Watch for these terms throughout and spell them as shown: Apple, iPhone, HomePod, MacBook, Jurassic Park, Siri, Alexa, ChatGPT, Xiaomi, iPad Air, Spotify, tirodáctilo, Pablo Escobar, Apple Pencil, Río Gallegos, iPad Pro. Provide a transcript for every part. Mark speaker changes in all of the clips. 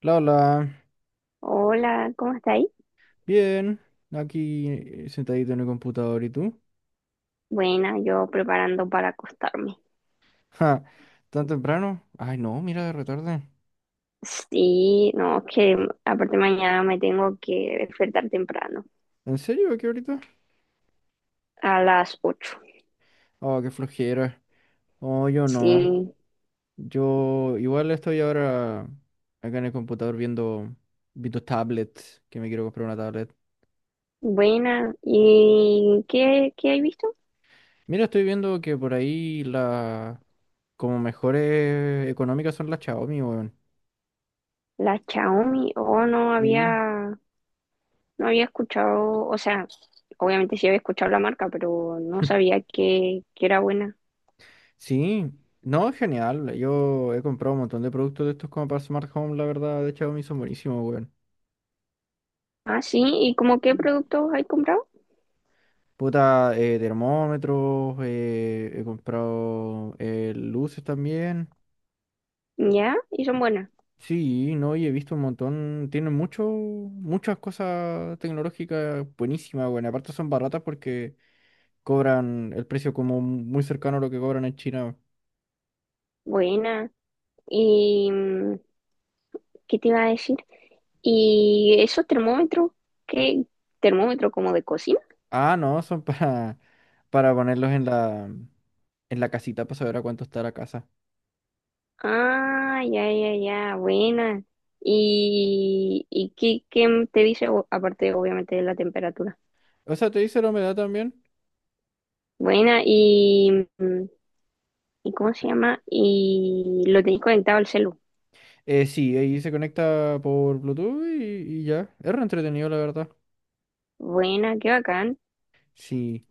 Speaker 1: Hola,
Speaker 2: Hola, ¿cómo estáis?
Speaker 1: bien, aquí sentadito en el computador, ¿y tú?
Speaker 2: Buena, yo preparando para acostarme.
Speaker 1: Ja, ¿tan temprano? Ay, no, mira, de retarde.
Speaker 2: Sí, no, es que aparte mañana me tengo que despertar temprano,
Speaker 1: ¿En serio? ¿Aquí ahorita?
Speaker 2: a las 8.
Speaker 1: Oh, qué flojera. Oh, yo no.
Speaker 2: Sí,
Speaker 1: Yo igual estoy ahora acá en el computador viendo tablets, que me quiero comprar una tablet.
Speaker 2: buena. ¿Y qué hay visto?
Speaker 1: Mira, estoy viendo que por ahí como mejores económicas son las Xiaomi, weón.
Speaker 2: La Xiaomi, oh,
Speaker 1: Sí.
Speaker 2: no había escuchado, o sea, obviamente sí había escuchado la marca, pero no sabía que era buena.
Speaker 1: Sí, no, es genial. Yo he comprado un montón de productos de estos como para Smart Home, la verdad, de Xiaomi son buenísimos, weón.
Speaker 2: Ah, sí, ¿y como qué productos hay comprado?
Speaker 1: Puta, termómetros, he comprado luces también.
Speaker 2: Ya, y son buenas.
Speaker 1: Sí, no, y he visto un montón, tienen muchas cosas tecnológicas buenísimas, weón. Aparte son baratas porque cobran el precio como muy cercano a lo que cobran en China.
Speaker 2: Buena. ¿Y qué te iba a decir? ¿Y eso termómetro? ¿Qué termómetro como de cocina?
Speaker 1: Ah, no, son para ponerlos en la casita para saber a cuánto está la casa.
Speaker 2: Ah, ya, ya, ya, buena. Y qué te dice aparte obviamente de la temperatura?
Speaker 1: O sea, te dice la humedad también.
Speaker 2: Buena, y, ¿y cómo se llama? Y lo tenés conectado al celu.
Speaker 1: Sí, ahí se conecta por Bluetooth y ya. Es re entretenido, la verdad.
Speaker 2: Buena, qué bacán.
Speaker 1: Sí.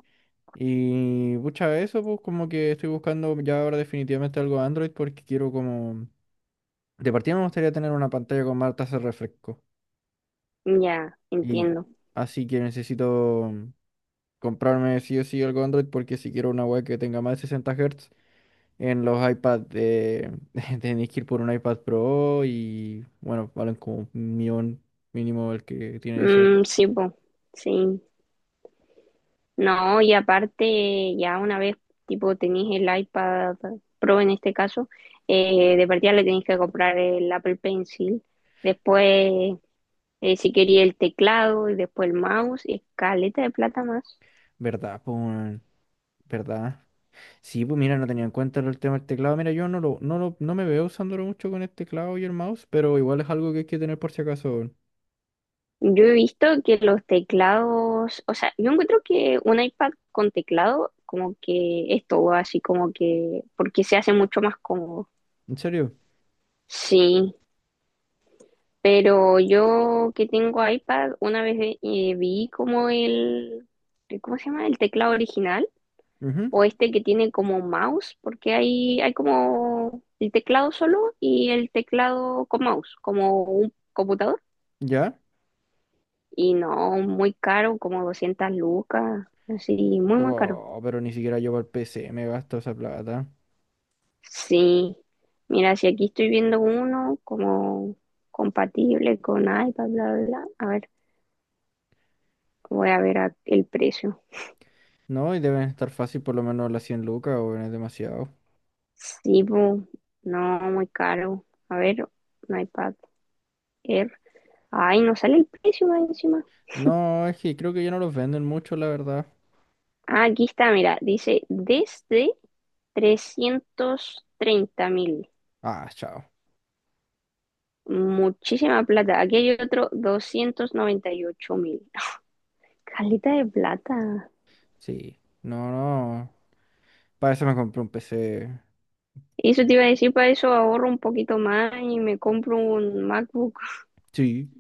Speaker 1: Y pucha, eso, pues como que estoy buscando ya ahora definitivamente algo Android porque quiero como... De partida me gustaría tener una pantalla con más tasa de refresco.
Speaker 2: Ya,
Speaker 1: Y
Speaker 2: entiendo.
Speaker 1: así que necesito comprarme sí o sí algo Android porque si quiero una web que tenga más de 60 Hz. En los iPads tenéis que ir por un iPad Pro y bueno, valen como 1 millón mínimo el que tiene eso.
Speaker 2: Mm, sí, po, sí. No, y aparte, ya una vez, tipo, tenéis el iPad Pro en este caso, de partida le tenéis que comprar el Apple Pencil, después, si quería el teclado y después el mouse, y caleta de plata más.
Speaker 1: ¿Verdad? ¿Pues, weón? ¿Verdad? Sí, pues mira, no tenía en cuenta el tema del teclado. Mira, yo no me veo usándolo mucho con el teclado y el mouse, pero igual es algo que hay que tener por si acaso, weón.
Speaker 2: Yo he visto que los teclados, o sea, yo encuentro que un iPad con teclado, como que es todo así, como que, porque se hace mucho más cómodo.
Speaker 1: ¿En serio?
Speaker 2: Sí, pero yo que tengo iPad, una vez vi como ¿cómo se llama? El teclado original
Speaker 1: Ujú.
Speaker 2: o este que tiene como mouse, porque hay como el teclado solo y el teclado con mouse, como un computador.
Speaker 1: ¿Ya?
Speaker 2: Y no, muy caro, como 200 lucas, así, muy caro.
Speaker 1: Oh, pero ni siquiera yo para el PC me gasto esa plata.
Speaker 2: Sí, mira, si aquí estoy viendo uno como compatible con iPad, bla, bla, bla. A ver, voy a ver el precio.
Speaker 1: No, y deben estar fácil por lo menos las 100 lucas, o es demasiado.
Speaker 2: Sí, bu, no, muy caro. A ver, un iPad Air. Ay, no sale el precio más encima.
Speaker 1: No, es que creo que ya no los venden mucho, la verdad.
Speaker 2: Ah, aquí está, mira, dice desde 330.000.
Speaker 1: Ah, chao.
Speaker 2: Muchísima plata. Aquí hay otro 298.000. Calita de plata.
Speaker 1: Sí. No, no. Para eso me compré un PC.
Speaker 2: Eso te iba a decir, para eso ahorro un poquito más y me compro un MacBook.
Speaker 1: Sí,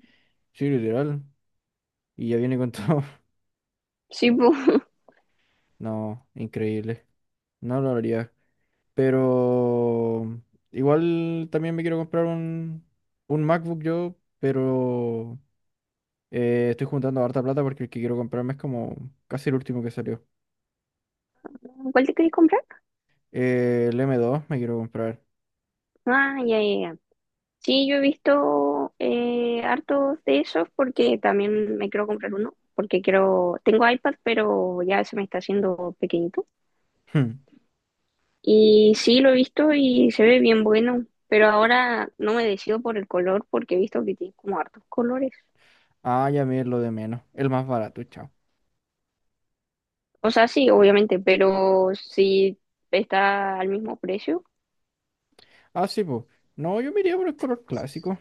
Speaker 1: sí, literal. Y ya viene con todo.
Speaker 2: Sí, bu.
Speaker 1: No, increíble. No lo haría. Pero igual también me quiero comprar un, MacBook yo, pero estoy juntando harta plata porque el que quiero comprarme es como casi el último que salió.
Speaker 2: ¿Cuál te querés comprar?
Speaker 1: El M2 me quiero comprar.
Speaker 2: Ah, ya, ya, ya. Sí, yo he visto hartos de esos porque también me quiero comprar uno, porque quiero, tengo iPad, pero ya se me está haciendo pequeñito.
Speaker 1: Hmm.
Speaker 2: Y sí, lo he visto y se ve bien bueno, pero ahora no me decido por el color porque he visto que tiene como hartos colores.
Speaker 1: Ah, ya me es lo de menos. El más barato, chao.
Speaker 2: O sea, sí, obviamente, pero si está al mismo precio,
Speaker 1: Ah, sí, pues. No, yo me iría por el color clásico.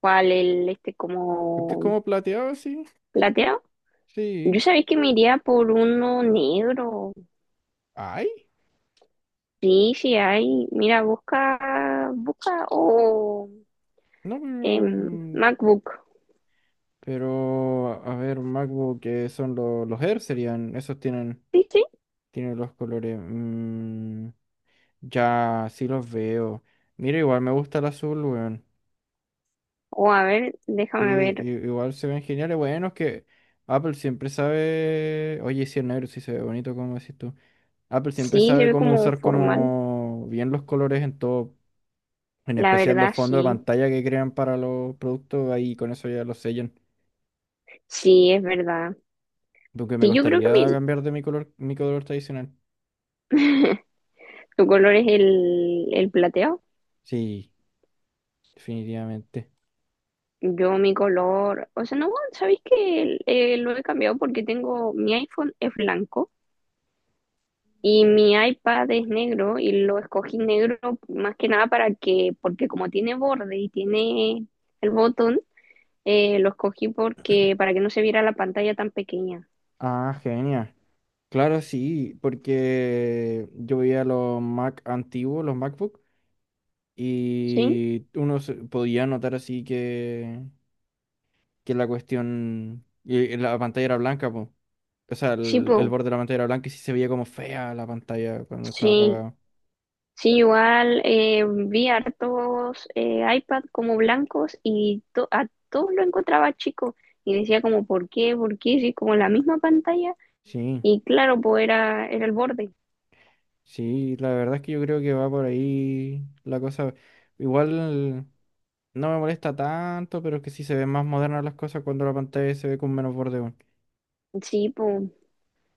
Speaker 2: ¿cuál el este
Speaker 1: Porque es
Speaker 2: como
Speaker 1: como plateado, sí.
Speaker 2: plateado? Yo
Speaker 1: Sí.
Speaker 2: sabéis que me iría por uno negro.
Speaker 1: Ay.
Speaker 2: Sí, sí hay. Mira, busca o
Speaker 1: No, pero.
Speaker 2: MacBook.
Speaker 1: Pero, a ver, MacBook, que son los Air serían. Esos tienen,
Speaker 2: Sí, sí.
Speaker 1: tienen los colores. Ya, sí los veo. Mira, igual me gusta el azul, weón.
Speaker 2: O a ver, déjame
Speaker 1: Sí,
Speaker 2: ver.
Speaker 1: igual se ven geniales. Bueno, es que Apple siempre sabe. Oye, sí, el negro sí se ve bonito, como decís tú. Apple siempre
Speaker 2: Sí, se
Speaker 1: sabe
Speaker 2: ve
Speaker 1: cómo
Speaker 2: como
Speaker 1: usar
Speaker 2: formal.
Speaker 1: como bien los colores en todo. En
Speaker 2: La
Speaker 1: especial los
Speaker 2: verdad,
Speaker 1: fondos de
Speaker 2: sí.
Speaker 1: pantalla que crean para los productos, ahí con eso ya los sellan.
Speaker 2: Sí, es verdad.
Speaker 1: Aunque me
Speaker 2: Sí, yo creo que
Speaker 1: costaría cambiar de mi color tradicional.
Speaker 2: tu color es el plateado.
Speaker 1: Sí, definitivamente.
Speaker 2: Yo mi color, o sea, no, ¿sabéis que lo he cambiado porque tengo, mi iPhone es blanco? Y mi iPad es negro y lo escogí negro más que nada para que, porque como tiene borde y tiene el botón, lo escogí porque para que no se viera la pantalla tan pequeña.
Speaker 1: Ah, genial. Claro, sí, porque yo veía los Mac antiguos, los MacBook,
Speaker 2: ¿Sí?
Speaker 1: y uno podía notar así que la cuestión, y la pantalla era blanca, po. O sea,
Speaker 2: Sí,
Speaker 1: el
Speaker 2: po.
Speaker 1: borde de la pantalla era blanco y sí se veía como fea la pantalla cuando estaba
Speaker 2: Sí.
Speaker 1: apagada.
Speaker 2: Sí, igual vi hartos iPad como blancos y a todos lo encontraba chico y decía como, ¿por qué? ¿Por qué? Sí, como la misma pantalla
Speaker 1: Sí.
Speaker 2: y claro, pues era el borde.
Speaker 1: Sí, la verdad es que yo creo que va por ahí la cosa. Igual no me molesta tanto, pero es que sí se ven más modernas las cosas cuando la pantalla se ve con menos borde, weón.
Speaker 2: Sí, po.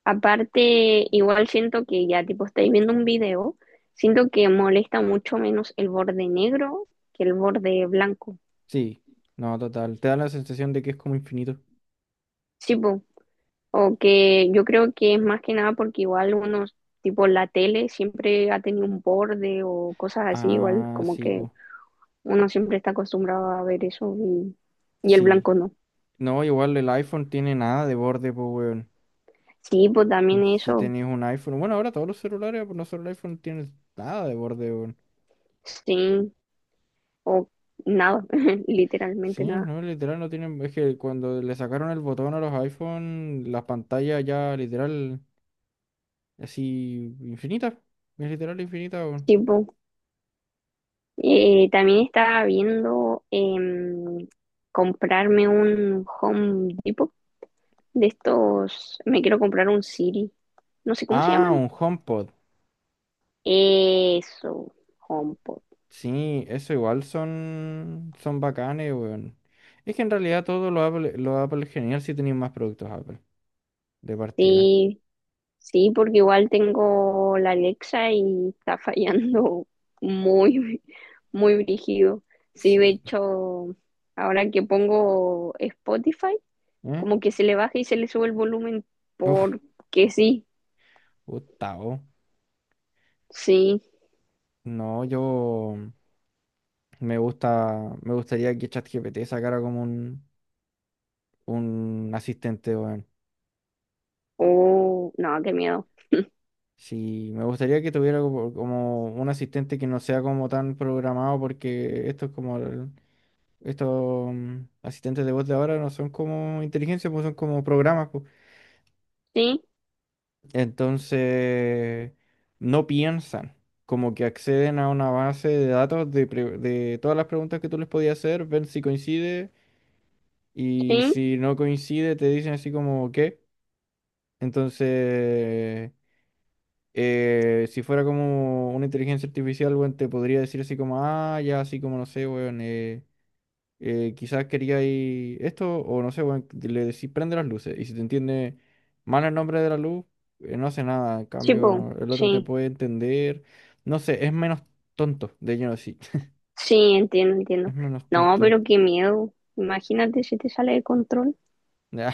Speaker 2: Aparte, igual siento que ya tipo estáis viendo un video, siento que molesta mucho menos el borde negro que el borde blanco.
Speaker 1: Sí, no, total. Te da la sensación de que es como infinito.
Speaker 2: Sí, po. O que yo creo que es más que nada porque igual unos, tipo la tele siempre ha tenido un borde o cosas así, igual
Speaker 1: Ah,
Speaker 2: como
Speaker 1: sí,
Speaker 2: que
Speaker 1: pues.
Speaker 2: uno siempre está acostumbrado a ver eso y el
Speaker 1: Sí.
Speaker 2: blanco no.
Speaker 1: No, igual el iPhone tiene nada de borde, pues, weón.
Speaker 2: Sí, pues también
Speaker 1: Si
Speaker 2: eso,
Speaker 1: tenés un iPhone. Bueno, ahora todos los celulares, pues no solo el iPhone, tienen nada de borde, weón.
Speaker 2: sí, o nada,
Speaker 1: Sí,
Speaker 2: literalmente nada.
Speaker 1: no, literal no tienen. Es que cuando le sacaron el botón a los iPhone, las pantallas ya literal. Así, infinita. Es literal infinita, weón.
Speaker 2: Sí, po. También estaba viendo comprarme un Home Depot de estos. Me quiero comprar un Siri. No sé cómo se
Speaker 1: Ah,
Speaker 2: llaman.
Speaker 1: un HomePod.
Speaker 2: Eso, HomePod.
Speaker 1: Sí, eso igual son bacanes, weón. Es que en realidad todo lo Apple es genial si tenéis más productos Apple de partida.
Speaker 2: Sí, sí, porque igual tengo la Alexa y está fallando muy, muy brígido. Sí, de
Speaker 1: Sí.
Speaker 2: hecho, ahora que pongo Spotify,
Speaker 1: ¿Eh?
Speaker 2: como que se le baja y se le sube el volumen
Speaker 1: Uf,
Speaker 2: porque sí.
Speaker 1: Gustavo.
Speaker 2: Sí,
Speaker 1: No, yo me gustaría que ChatGPT sacara como un, asistente, weón.
Speaker 2: oh, no, qué miedo.
Speaker 1: Sí, me gustaría que tuviera como un asistente que no sea como tan programado porque esto es como Estos asistentes de voz de ahora no son como inteligencia, pues son como programas, pues.
Speaker 2: Sí,
Speaker 1: Entonces, no piensan, como que acceden a una base de datos de todas las preguntas que tú les podías hacer, ven si coincide y
Speaker 2: sí,
Speaker 1: si no coincide te dicen así como qué. Entonces, si fuera como una inteligencia artificial, bueno, te podría decir así como, ah, ya, así como no sé, weón, quizás quería ir esto, o no sé, weón, le decís prende las luces. Y si te entiende mal el nombre de la luz, no hace nada. En
Speaker 2: sí,
Speaker 1: cambio,
Speaker 2: po,
Speaker 1: no, el otro te
Speaker 2: sí,
Speaker 1: puede entender. No sé, es menos tonto, de lleno sí.
Speaker 2: sí, entiendo,
Speaker 1: Es
Speaker 2: entiendo.
Speaker 1: menos
Speaker 2: No,
Speaker 1: tonto.
Speaker 2: pero qué miedo. Imagínate si te sale de control
Speaker 1: Ya,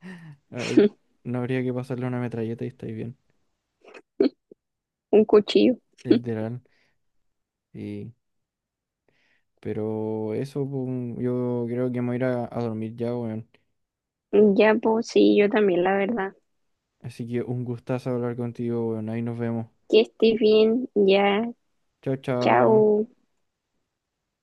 Speaker 1: habría- no habría que pasarle una metralleta y estáis bien.
Speaker 2: un cuchillo.
Speaker 1: Literal. Y, pero eso, pum, yo creo que me voy a ir a dormir ya, weón.
Speaker 2: Ya, pues sí, yo también, la verdad.
Speaker 1: Así que un gustazo hablar contigo, weón. Ahí nos vemos.
Speaker 2: Que estés bien, ya,
Speaker 1: Chao, chao.
Speaker 2: chao.